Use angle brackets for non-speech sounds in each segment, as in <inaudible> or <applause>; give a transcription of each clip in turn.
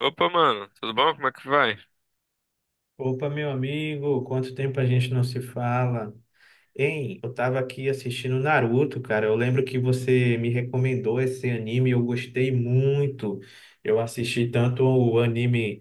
Opa, mano, tudo bom? Como é que vai? Opa, meu amigo, quanto tempo a gente não se fala? Hein, eu tava aqui assistindo Naruto, cara. Eu lembro que você me recomendou esse anime, eu gostei muito. Eu assisti tanto o anime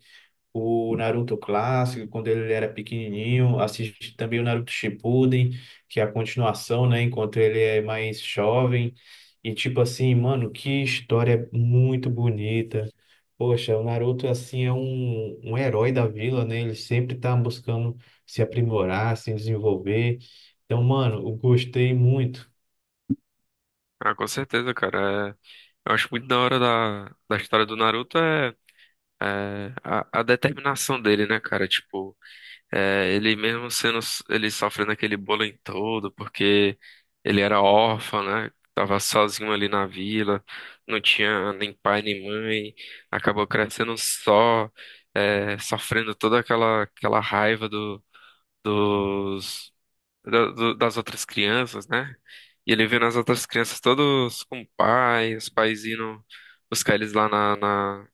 o Naruto clássico, quando ele era pequenininho, assisti também o Naruto Shippuden, que é a continuação, né, enquanto ele é mais jovem. E tipo assim, mano, que história muito bonita. Poxa, o Naruto assim é um herói da vila, né? Ele sempre tá buscando se aprimorar, se desenvolver. Então, mano, eu gostei muito. Ah, com certeza, cara. Eu acho muito da hora da história do Naruto é a determinação dele, né, cara? Tipo, ele mesmo sendo ele sofrendo aquele bullying todo, porque ele era órfão, né? Tava sozinho ali na vila, não tinha nem pai nem mãe, acabou crescendo só, sofrendo toda aquela raiva do, dos da- do- das outras crianças, né? E ele vendo as outras crianças todos com o pai, os pais indo buscar eles lá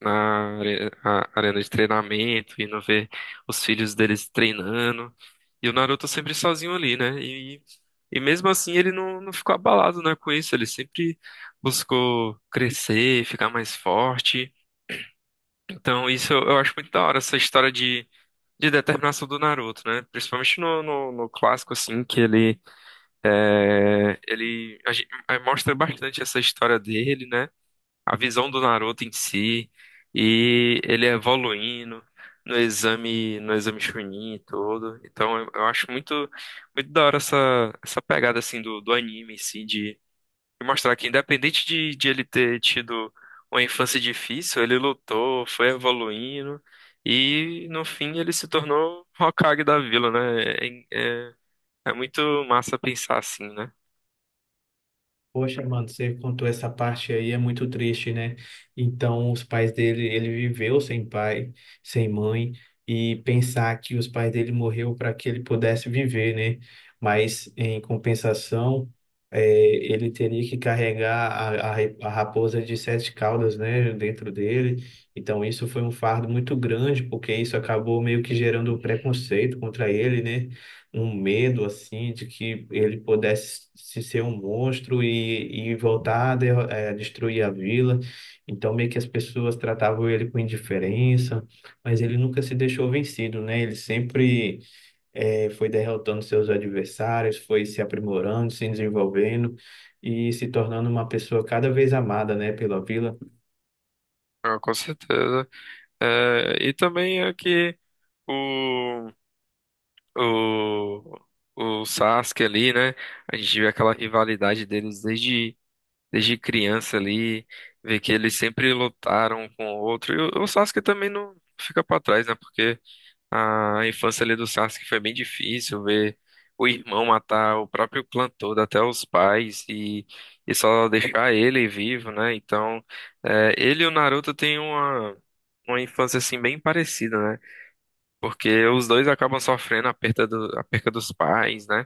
na arena de treinamento, indo ver os filhos deles treinando. E o Naruto sempre sozinho ali, né? E mesmo assim ele não ficou abalado, né, com isso. Ele sempre buscou crescer, ficar mais forte. Então isso eu acho muito da hora, essa história de determinação do Naruto, né? Principalmente no clássico, assim, que ele ele mostra bastante essa história dele, né? A visão do Naruto em si e ele evoluindo no exame, no exame Chunin e tudo. Então eu acho muito da hora essa pegada assim do anime em si de mostrar que independente de ele ter tido uma infância difícil, ele lutou, foi evoluindo e no fim ele se tornou Hokage da vila, né? É, é, é muito massa pensar assim, né? Poxa, mano, você contou essa parte aí, é muito triste, né? Então, os pais dele, ele viveu sem pai, sem mãe, e pensar que os pais dele morreu para que ele pudesse viver, né? Mas, em compensação, ele teria que carregar a raposa de sete caudas, né, dentro dele. Então, isso foi um fardo muito grande, porque isso acabou meio que gerando preconceito contra ele, né? Um medo assim de que ele pudesse se ser um monstro e voltar a destruir a vila. Então meio que as pessoas tratavam ele com indiferença, mas ele nunca se deixou vencido, né? Ele sempre foi derrotando seus adversários, foi se aprimorando, se desenvolvendo e se tornando uma pessoa cada vez amada, né, pela vila. Ah, com certeza. É, e também é que o, o, o Sasuke ali, né? A gente vê aquela rivalidade deles desde criança ali, vê que eles sempre lutaram um com o outro. E o Sasuke também não fica pra trás, né? Porque a infância ali do Sasuke foi bem difícil ver o irmão matar o próprio clã todo, até os pais, e só deixar ele vivo, né? Então, é, ele e o Naruto têm uma infância assim bem parecida, né? Porque os dois acabam sofrendo a perda a perda dos pais, né?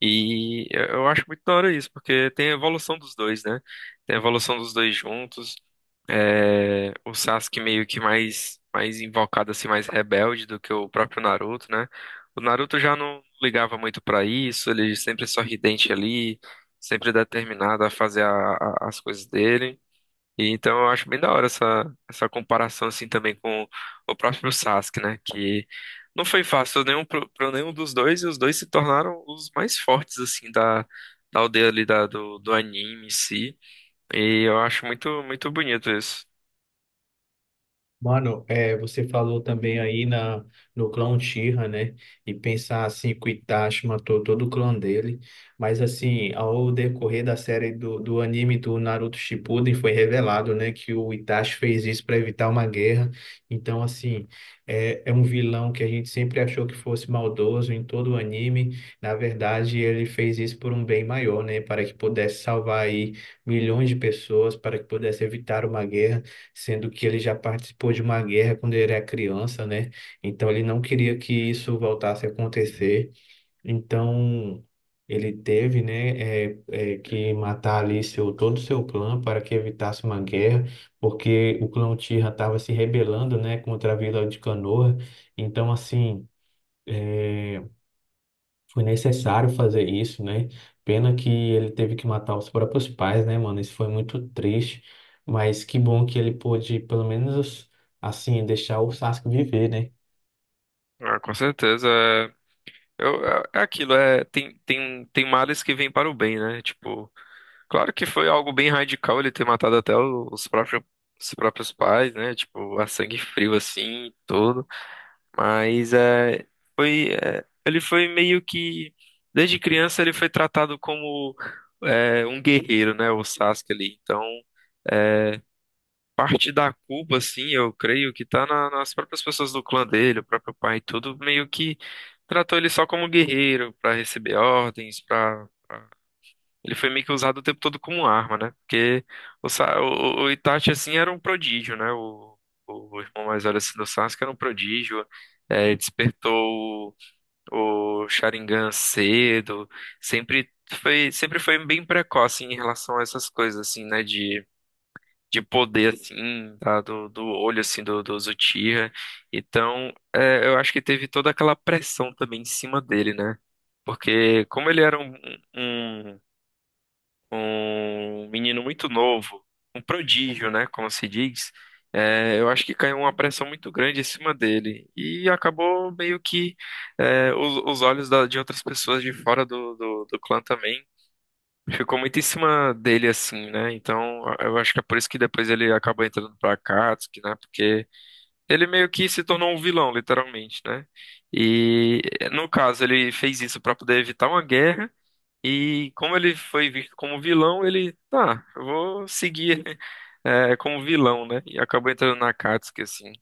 E eu acho muito da hora isso, porque tem a evolução dos dois, né? Tem a evolução dos dois juntos. É, o Sasuke meio que mais invocado assim, mais rebelde do que o próprio Naruto, né? O Naruto já não ligava muito pra isso, ele sempre é sorridente ali, sempre determinado a fazer as coisas dele. E então eu acho bem da hora essa comparação assim também com o próprio Sasuke, né? Que não foi fácil nenhum para nenhum dos dois e os dois se tornaram os mais fortes assim da aldeia ali do anime em si. E eu acho muito bonito isso. Mano, você falou também aí no clã Uchiha, né? E pensar assim que o Itachi matou todo o clã dele. Mas assim, ao decorrer da série do anime do Naruto Shippuden, foi revelado, né? Que o Itachi fez isso para evitar uma guerra. Então, assim, é um vilão que a gente sempre achou que fosse maldoso em todo o anime. Na verdade, ele fez isso por um bem maior, né? Para que pudesse salvar aí milhões de pessoas, para que pudesse evitar uma guerra, sendo que ele já participou de uma guerra quando ele era criança, né? Então ele não queria que isso voltasse a acontecer. Então ele teve, né, que matar ali todo o seu clã para que evitasse uma guerra, porque o clã Uchiha estava se rebelando, né, contra a Vila de Konoha. Então assim foi necessário fazer isso, né? Pena que ele teve que matar os próprios pais, né, mano? Isso foi muito triste. Mas que bom que ele pôde, pelo menos, assim, deixar o Sasuke viver, né? Ah, com certeza. É aquilo, é, tem, tem, tem males que vêm para o bem, né? Tipo, claro que foi algo bem radical ele ter matado até os próprios pais, né? Tipo, a sangue frio assim, e tudo. Mas ele foi meio que, desde criança ele foi tratado como um guerreiro, né? O Sasuke ali. Então, é, parte da culpa, assim, eu creio que tá nas próprias pessoas do clã dele, o próprio pai, tudo meio que tratou ele só como guerreiro pra receber ordens, pra... pra- Ele foi meio que usado o tempo todo como arma, né? Porque o Itachi, assim, era um prodígio, né? O irmão mais velho, assim, do Sasuke era um prodígio, despertou o Sharingan cedo, sempre sempre foi bem precoce em relação a essas coisas, assim, né? De poder, assim, tá? Do olho, assim, do Uchiha. Então, é, eu acho que teve toda aquela pressão também em cima dele, né? Porque como ele era um, um um menino muito novo, um prodígio, né? Como se diz, é, eu acho que caiu uma pressão muito grande em cima dele. E acabou meio que os olhos de outras pessoas de fora do clã também ficou muito em cima dele, assim, né? Então, eu acho que é por isso que depois ele acaba entrando pra Akatsuki, né? Porque ele meio que se tornou um vilão, literalmente, né? E, no caso, ele fez isso pra poder evitar uma guerra. E como ele foi visto como vilão, ele, tá, eu vou seguir <laughs> é, como vilão, né? E acabou entrando na Akatsuki, assim.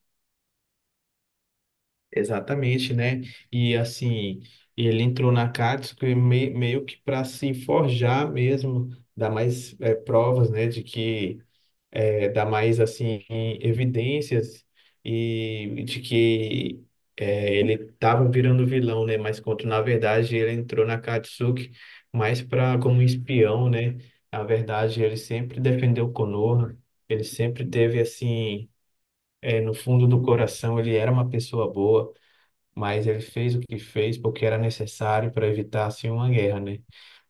Exatamente, né? E assim, ele entrou na Katsuki meio que para se forjar mesmo, dar mais provas, né, de que dar mais assim evidências e de que ele estava virando vilão, né? Mas quando na verdade ele entrou na Katsuki mais para como espião, né? Na verdade ele sempre defendeu Konoha, ele sempre teve assim no fundo do coração ele era uma pessoa boa, mas ele fez o que fez porque era necessário para evitar assim uma guerra, né?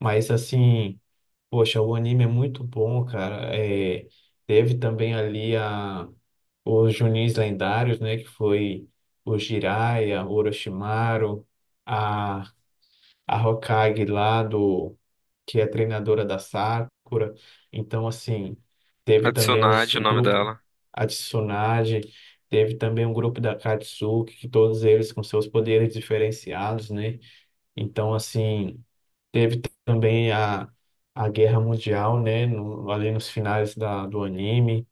Mas assim, poxa, o anime é muito bom, cara. Teve também ali os Junins lendários, né? Que foi o Jiraiya, o Orochimaru, a, a Hokage lá do, que é treinadora da Sakura. Então, assim, teve A também Tsunade, o o nome grupo, dela. a Tsunade, teve também um grupo da Katsuki, que todos eles com seus poderes diferenciados, né? Então, assim. Teve também a Guerra Mundial, né? Ali nos finais do anime.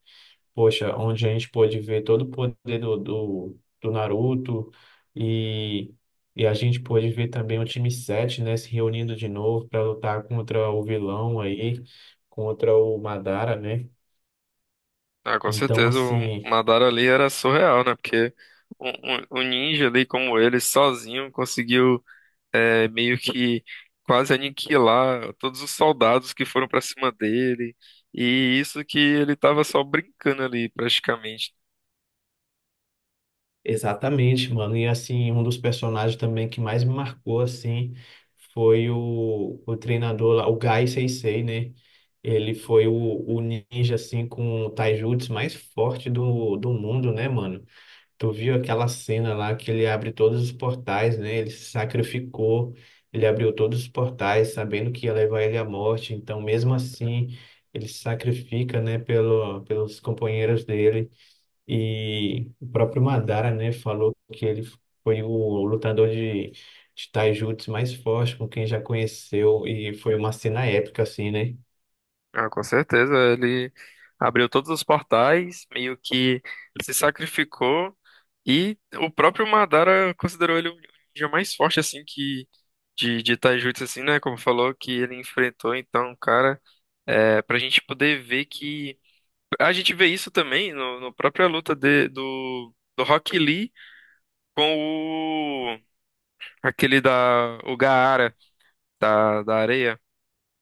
Poxa, onde a gente pôde ver todo o poder do Naruto e, e a gente pôde ver também o time sete, né? Se reunindo de novo para lutar contra o vilão aí, contra o Madara, né? Ah, com Então, certeza, o assim. Madara ali era surreal, né? Porque um, um ninja ali como ele, sozinho, conseguiu meio que quase aniquilar todos os soldados que foram pra cima dele. E isso que ele tava só brincando ali, praticamente. Exatamente, mano. E assim, um dos personagens também que mais me marcou assim foi o treinador lá, o Gai Sensei, né? Ele foi o ninja assim com o taijutsu mais forte do mundo, né, mano? Tu viu aquela cena lá que ele abre todos os portais, né? Ele se sacrificou, ele abriu todos os portais, sabendo que ia levar ele à morte. Então, mesmo assim, ele se sacrifica, né, pelos companheiros dele. E o próprio Madara, né, falou que ele foi o lutador de taijutsu mais forte com quem já conheceu, e foi uma cena épica, assim, né? Ah, com certeza, ele abriu todos os portais, meio que se sacrificou. E o próprio Madara considerou ele o ninja mais forte, assim, que de Taijutsu, assim, né? Como falou, que ele enfrentou. Então, cara, é, pra gente poder ver que. A gente vê isso também no própria luta do Rock Lee com o aquele da o Gaara da areia,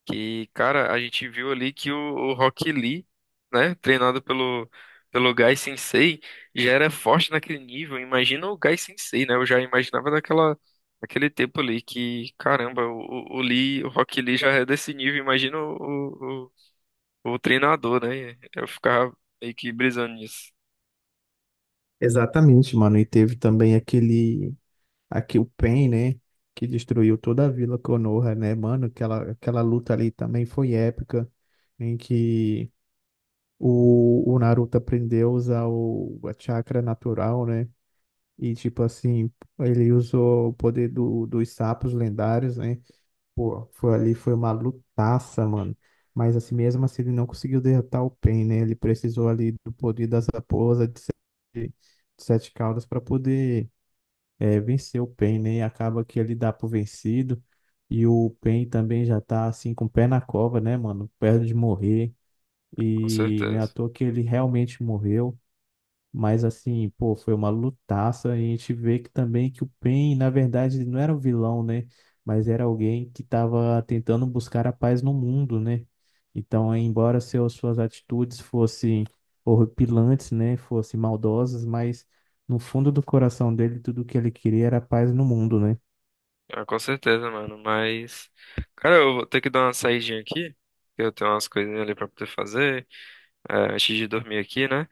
que cara a gente viu ali que o Rock Lee, né, treinado pelo Gai Sensei já era forte naquele nível, imagina o Gai Sensei, né? Eu já imaginava daquela, naquele tempo ali, que caramba, o Lee, o Rock Lee já é desse nível, imagina o, o o treinador, né? Eu ficava meio que brisando nisso. Exatamente, mano. E teve também aqui o Pain, né? Que destruiu toda a Vila Konoha, né, mano? Aquela luta ali também foi épica, em que o Naruto aprendeu a usar a chakra natural, né? E tipo assim, ele usou o poder dos sapos lendários, né? Pô, foi ali, foi uma lutaça, mano. Mas assim, mesmo assim ele não conseguiu derrotar o Pain, né? Ele precisou ali do poder das raposas de sete caudas para poder vencer o Pain, né? E acaba que ele dá pro vencido. E o Pain também já tá assim com o pé na cova, né, mano? Perto de morrer. Com E não é à certeza. toa que ele realmente morreu. Mas assim, pô, foi uma lutaça, e a gente vê que também que o Pain, na verdade, ele não era o vilão, né? Mas era alguém que estava tentando buscar a paz no mundo, né? Então, embora suas atitudes fossem horripilantes, né? Fossem maldosas, mas no fundo do coração dele, tudo que ele queria era paz no mundo, né? Ah, com certeza, mano. Mas, cara, eu vou ter que dar uma saidinha aqui. Que eu tenho umas coisinhas ali pra poder fazer, antes de dormir aqui, né?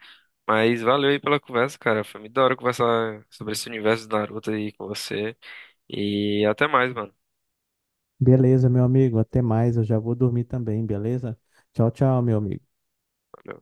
Mas valeu aí pela conversa, cara. Foi muito da hora conversar sobre esse universo do Naruto aí com você. E até mais, mano. Beleza, meu amigo, até mais. Eu já vou dormir também, beleza? Tchau, tchau, meu amigo. Valeu.